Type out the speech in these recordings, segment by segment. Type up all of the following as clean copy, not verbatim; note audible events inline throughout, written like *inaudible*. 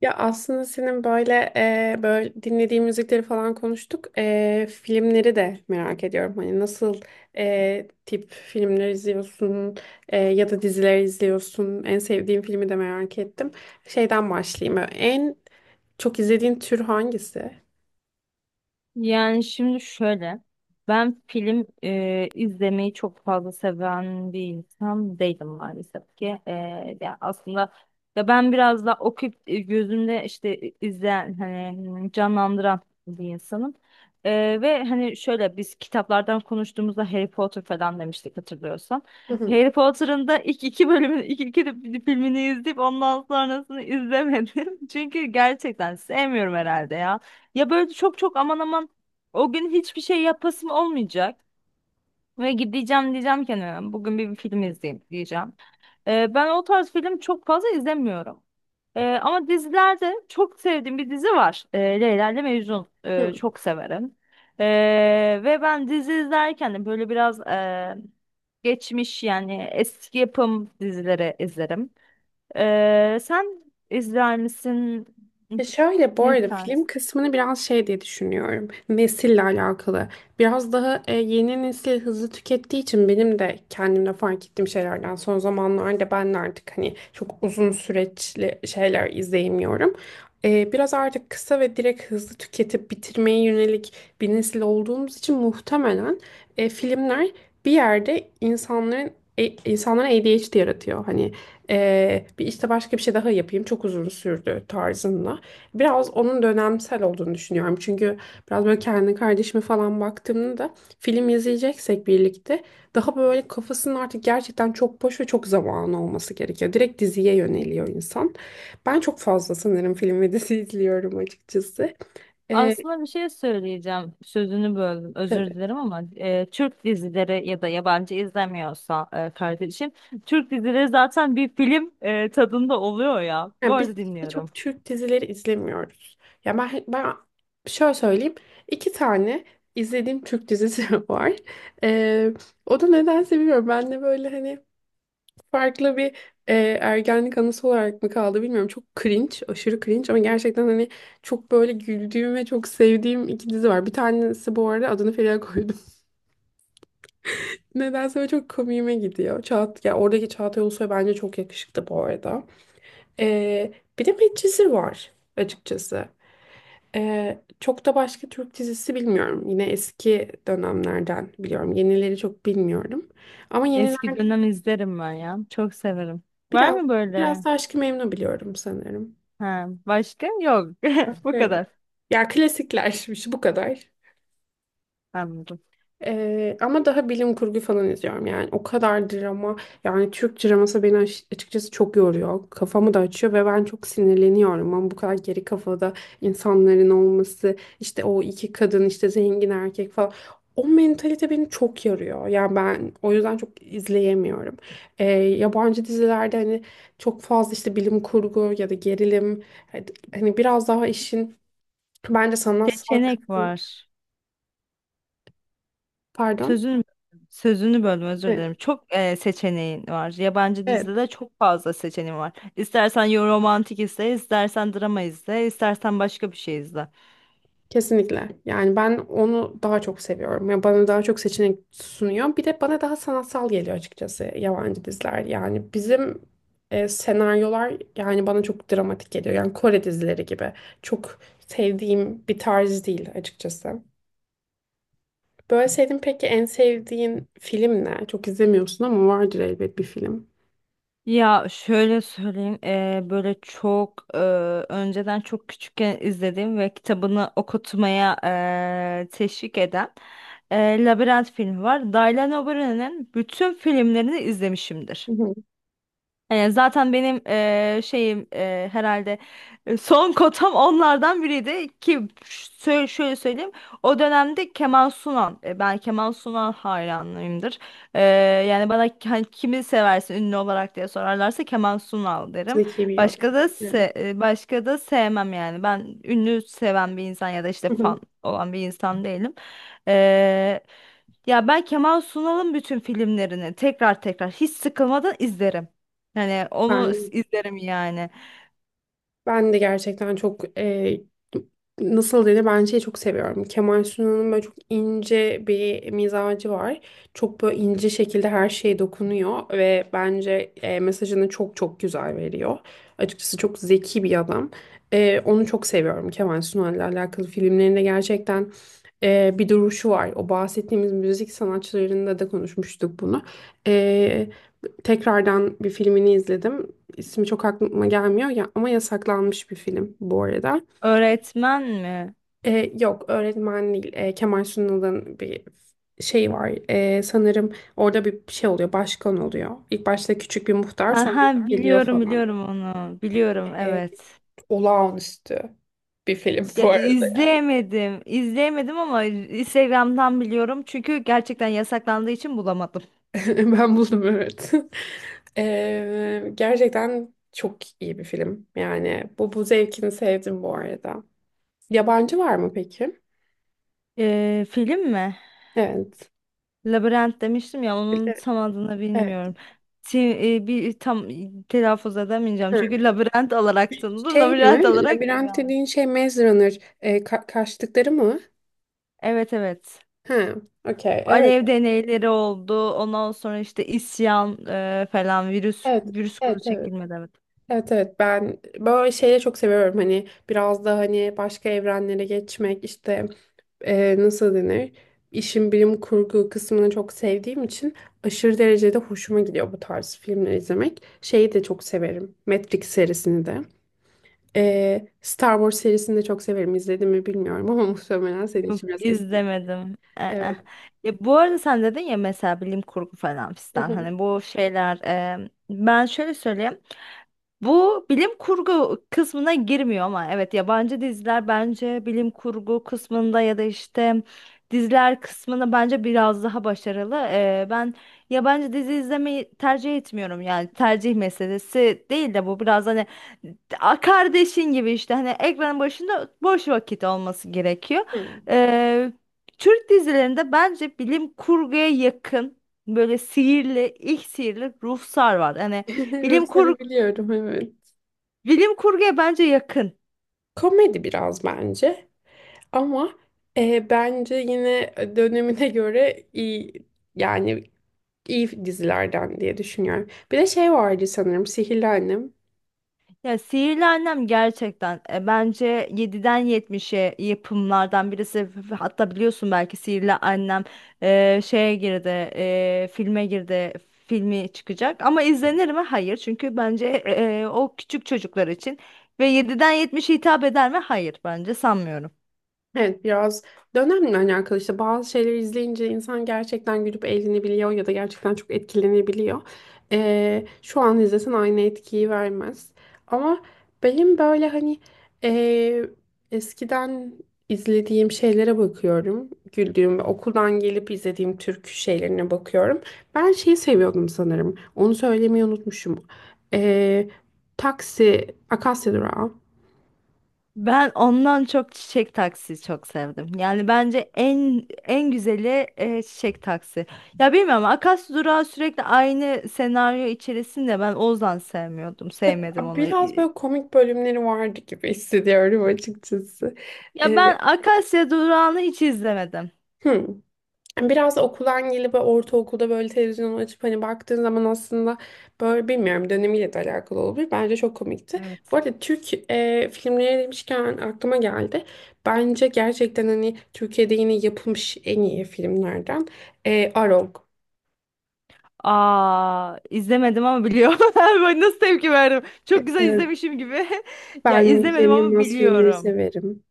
Ya aslında senin böyle böyle dinlediğin müzikleri falan konuştuk. Filmleri de merak ediyorum. Hani nasıl tip filmler izliyorsun, ya da diziler izliyorsun. En sevdiğin filmi de merak ettim. Şeyden başlayayım. En çok izlediğin tür hangisi? Yani şimdi şöyle, ben film izlemeyi çok fazla seven bir insan değilim maalesef ki. Ya aslında ya ben biraz da okuyup gözümde işte izleyen hani canlandıran bir insanım. Ve hani şöyle biz kitaplardan konuştuğumuzda Harry Potter falan demiştik hatırlıyorsan. Hı Harry Potter'ın da ilk iki bölümünü, ilk iki filmini izleyip ondan sonrasını izlemedim. *laughs* Çünkü gerçekten sevmiyorum herhalde ya. Ya böyle çok çok aman aman o gün hiçbir şey yapasım olmayacak. Ve gideceğim diyeceğim ki "Hani bugün bir film izleyeyim diyeceğim." Ben o tarz film çok fazla izlemiyorum. Ama dizilerde çok sevdiğim bir dizi var. Leyla ile Mecnun. Hı. Çok severim. Ve ben dizi izlerken de böyle biraz geçmiş, yani eski yapım dizileri izlerim. Sen izler misin? Ya şöyle bu Ne arada tarz? film kısmını biraz şey diye düşünüyorum. Nesille alakalı. Biraz daha yeni nesil hızlı tükettiği için benim de kendimde fark ettiğim şeylerden son zamanlarda ben de artık hani çok uzun süreçli şeyler izleyemiyorum. Biraz artık kısa ve direkt hızlı tüketip bitirmeye yönelik bir nesil olduğumuz için muhtemelen filmler bir yerde insanların e, insanlara ADHD yaratıyor. Hani bir işte başka bir şey daha yapayım çok uzun sürdü tarzında. Biraz onun dönemsel olduğunu düşünüyorum. Çünkü biraz böyle kendi kardeşime falan baktığımda da film izleyeceksek birlikte daha böyle kafasının artık gerçekten çok boş ve çok zamanı olması gerekiyor. Direkt diziye yöneliyor insan. Ben çok fazla sanırım film ve dizi *laughs* izliyorum açıkçası. Ee, Aslında bir şey söyleyeceğim. Sözünü böldüm, özür tabii. dilerim ama Türk dizileri ya da yabancı izlemiyorsa kardeşim, Türk dizileri zaten bir film tadında oluyor ya. Bu Yani biz arada de dinliyorum. çok Türk dizileri izlemiyoruz. Ya ben şöyle söyleyeyim. İki tane izlediğim Türk dizisi *laughs* var. Ee, O da nedense bilmiyorum. Ben de böyle hani farklı bir e, ergenlik anısı olarak mı kaldı bilmiyorum. Çok cringe, aşırı cringe ama gerçekten hani çok böyle güldüğüm ve çok sevdiğim iki dizi var. Bir tanesi bu arada adını Feriha koydum. *laughs* Nedense böyle çok komiğime gidiyor. Ya oradaki Çağatay Ulusoy bence çok yakışıklı bu arada. E, Bir de Medcezir var açıkçası. Çok da başka Türk dizisi bilmiyorum. Yine eski dönemlerden biliyorum. Yenileri çok bilmiyorum. Ama Eski yeniler dönem izlerim ben ya. Çok severim. Var biraz mı biraz böyle? da Aşk-ı Memnu biliyorum sanırım. Ha, başka? Yok. *laughs* Bu kadar. Ya klasiklermiş bu kadar. Anladım. Ama daha bilim kurgu falan izliyorum yani. O kadar drama. Yani Türk draması beni açıkçası çok yoruyor. Kafamı da açıyor ve ben çok sinirleniyorum. Ama bu kadar geri kafada insanların olması, işte o iki kadın, işte zengin erkek falan. O mentalite beni çok yarıyor. Yani ben o yüzden çok izleyemiyorum. Yabancı dizilerde hani çok fazla işte bilim kurgu ya da gerilim. Hani hani biraz daha işin bence sanatsal Seçenek kısmı. var. Pardon. Sözünü sözünü böldüm, özür Evet, dilerim. Çok seçeneğin var. Yabancı evet, dizide de çok fazla seçeneğin var. İstersen romantik izle, istersen drama izle, istersen başka bir şey izle. kesinlikle. Yani ben onu daha çok seviyorum. Yani bana daha çok seçenek sunuyor. Bir de bana daha sanatsal geliyor açıkçası yabancı diziler. Yani bizim senaryolar yani bana çok dramatik geliyor. Yani Kore dizileri gibi. Çok sevdiğim bir tarz değil açıkçası. Böyle sevdiğin peki en sevdiğin film ne? Çok izlemiyorsun ama vardır elbet bir film. Ya şöyle söyleyeyim, böyle çok önceden çok küçükken izlediğim ve kitabını okutmaya teşvik eden Labirent filmi var. Dylan O'Brien'in bütün filmlerini Hı izlemişimdir. hı. Yani zaten benim şeyim herhalde son *laughs* kotam onlardan biriydi ki şöyle söyleyeyim, o dönemde Kemal Sunan, ben Kemal Sunan hayranıyımdır. Eee, Yani bana hani kimi seversin ünlü olarak diye sorarlarsa Kemal Sunal derim. Zeki bir adam. Yani. Başka da sevmem, yani ben ünlü seven bir insan ya da işte Hı fan hı. olan bir insan değilim. Eee, Ya ben Kemal Sunal'ın bütün filmlerini tekrar tekrar hiç sıkılmadan izlerim. Hani onu Ben izlerim yani. Ben de gerçekten çok nasıl denir ben şeyi çok seviyorum. Kemal Sunal'ın böyle çok ince bir mizacı var. Çok böyle ince şekilde her şeye dokunuyor ve bence mesajını çok çok güzel veriyor. Açıkçası çok zeki bir adam. Onu çok seviyorum Kemal Sunal'la alakalı filmlerinde gerçekten bir duruşu var. O bahsettiğimiz müzik sanatçılarında da konuşmuştuk bunu. E, Tekrardan bir filmini izledim. İsmi çok aklıma gelmiyor ya ama yasaklanmış bir film bu arada. Öğretmen mi? Yok öğretmen değil. Kemal Sunal'ın bir şey var. Sanırım orada bir şey oluyor. Başkan oluyor. İlk başta küçük bir muhtar Ha sonra ha, yükseliyor biliyorum, falan. biliyorum onu. Biliyorum, Ee, evet. Olağanüstü bir film Ya bu arada yani. izleyemedim. İzleyemedim ama Instagram'dan biliyorum. Çünkü gerçekten yasaklandığı için bulamadım. *laughs* Ben buldum evet. *laughs* Gerçekten çok iyi bir film. Yani bu zevkini sevdim bu arada. Yabancı var mı peki? Film mi? Evet. Labirent demiştim ya, Evet, onun tam adını evet. bilmiyorum. Bir tam telaffuz edemeyeceğim. Ha, Çünkü Labirent *laughs* olarak tanınır. şey Labirent mi? olarak Labirent devam. dediğin şey Maze Runner. E, kaçtıkları mı? Evet, evet. Ha, okey. Evet. Alev deneyleri oldu. Ondan sonra işte isyan falan, virüs Evet, virüs kuru evet. Evet, çekilmedi, evet. evet. evet. Ben böyle şeyleri çok seviyorum. Hani biraz da hani başka evrenlere geçmek işte nasıl denir? İşin bilim kurgu kısmını çok sevdiğim için aşırı derecede hoşuma gidiyor bu tarz filmler izlemek. Şeyi de çok severim. Matrix serisini de. E, Star Wars serisini de çok severim. İzledim mi bilmiyorum ama *laughs* muhtemelen senin Yok, için biraz eski. izlemedim. Evet. Ya, bu arada sen dedin ya, mesela bilim kurgu falan Hı fistan, hı, hani bu şeyler, ben şöyle söyleyeyim. Bu bilim kurgu kısmına girmiyor ama evet, yabancı diziler bence bilim kurgu kısmında ya da işte diziler kısmında bence biraz daha başarılı. Ben yabancı dizi izlemeyi tercih etmiyorum, yani hı. tercih meselesi değil de bu biraz hani kardeşin gibi, işte hani ekranın başında boş vakit olması gerekiyor. *laughs* Ee, Türk dizilerinde bence bilim kurguya yakın böyle sihirli, ilk sihirli ruhsar var. Hani bilim Rusları kurgu biliyorum evet. Bilim kurguya bence yakın. Komedi biraz bence ama bence yine dönemine göre iyi yani iyi dizilerden diye düşünüyorum. Bir de şey vardı sanırım Sihirli Annem. Ya, Sihirli Annem gerçekten bence yediden yetmişe yapımlardan birisi. Hatta biliyorsun, belki Sihirli Annem şeye girdi, filme girdi, filmi çıkacak. Ama izlenir mi? Hayır. Çünkü bence o küçük çocuklar için. Ve yediden yetmişe hitap eder mi? Hayır, bence sanmıyorum. Evet biraz dönemle alakalı işte bazı şeyleri izleyince insan gerçekten gülüp eğlenebiliyor ya da gerçekten çok etkilenebiliyor. Şu an izlesen aynı etkiyi vermez. Ama benim böyle hani ee, eskiden izlediğim şeylere bakıyorum. Güldüğüm ve okuldan gelip izlediğim türkü şeylerine bakıyorum. Ben şeyi seviyordum sanırım. Onu söylemeyi unutmuşum. Ee, Taksi, Akasya Durağı. Ben ondan çok çiçek taksi çok sevdim. Yani bence en en güzeli çiçek taksi. Ya bilmiyorum, Akasya Durağı sürekli aynı senaryo içerisinde, ben Ozan sevmiyordum. Sevmedim onu. Biraz böyle komik bölümleri vardı gibi hissediyorum açıkçası. Ya Ee, ben Akasya Durağı'nı hiç izlemedim. hı. Biraz da okuldan gelip böyle ortaokulda böyle televizyonu açıp hani baktığın zaman aslında böyle bilmiyorum dönemiyle de alakalı olabilir. Bence çok komikti. Bu Evet. arada Türk filmleri demişken aklıma geldi. Bence gerçekten hani Türkiye'de yine yapılmış en iyi filmlerden Arog. Aa, izlemedim ama biliyorum. *laughs* Böyle nasıl tepki verdim? E, Çok güzel e, izlemişim gibi. *laughs* Ya ben izlemedim Cem ama Yılmaz filmleri biliyorum. severim.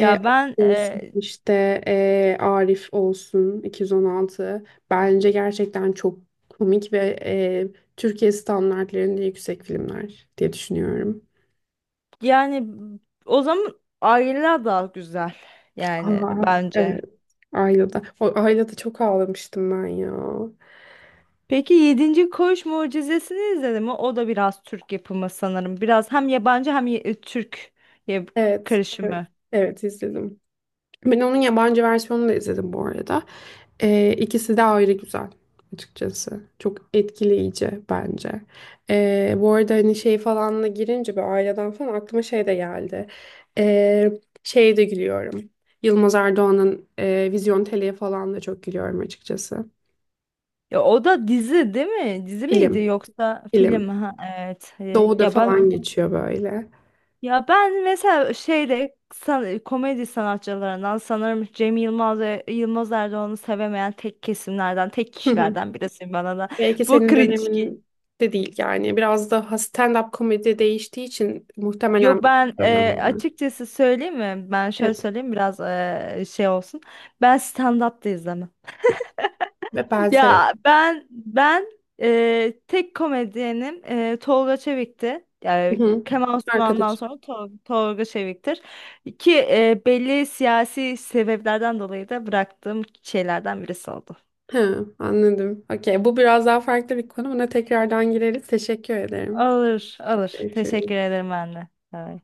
E, ben Olsun e, işte Arif olsun 216 bence gerçekten çok komik ve Türkiye standartlarında yüksek filmler diye düşünüyorum. Yani o zaman aileler daha güzel, yani Aa, bence. evet. Ayla'da. O Ayla'da çok ağlamıştım ben ya. Peki Yedinci Koğuş Mucizesi'ni izledin mi? O da biraz Türk yapımı sanırım. Biraz hem yabancı hem Türk ya- Evet. Evet, karışımı. evet izledim. Ben onun yabancı versiyonunu da izledim bu arada. İkisi de ayrı güzel açıkçası. Çok etkileyici bence. Bu arada hani şey falanla girince bir aileden falan aklıma şey de geldi. Ee, Şeye de gülüyorum. Yılmaz Erdoğan'ın Vizyon Tele'ye falan da çok gülüyorum açıkçası. Ya o da dizi değil mi? Dizi miydi Film, yoksa film? film. Ha, evet. E, Doğu'da Ya ben falan geçiyor böyle. ya ben mesela şeyde komedi sanatçılarından sanırım Cem Yılmaz ve Yılmaz Erdoğan'ı sevemeyen tek kesimlerden, tek Hı hı. kişilerden birisiyim bana da. Belki Bu senin cringe. dönemin de değil yani. Biraz da stand-up komedi değiştiği için muhtemelen Yok, ben dönem. açıkçası söyleyeyim mi? Ben şöyle Evet söyleyeyim, biraz şey olsun. Ben stand-up da izlemem. ve ben Ya severim. ben tek komedyenim Tolga Çevik'ti. Hı Yani hı. Kemal Sunal'dan Arkadaşım. sonra Tolga Çevik'tir. Ki belli siyasi sebeplerden dolayı da bıraktığım şeylerden birisi oldu. He, anladım. Okey, bu biraz daha farklı bir konu. Buna tekrardan gireriz. Teşekkür ederim. Alır, alır. Teşekkür Görüşürüz. ederim anne.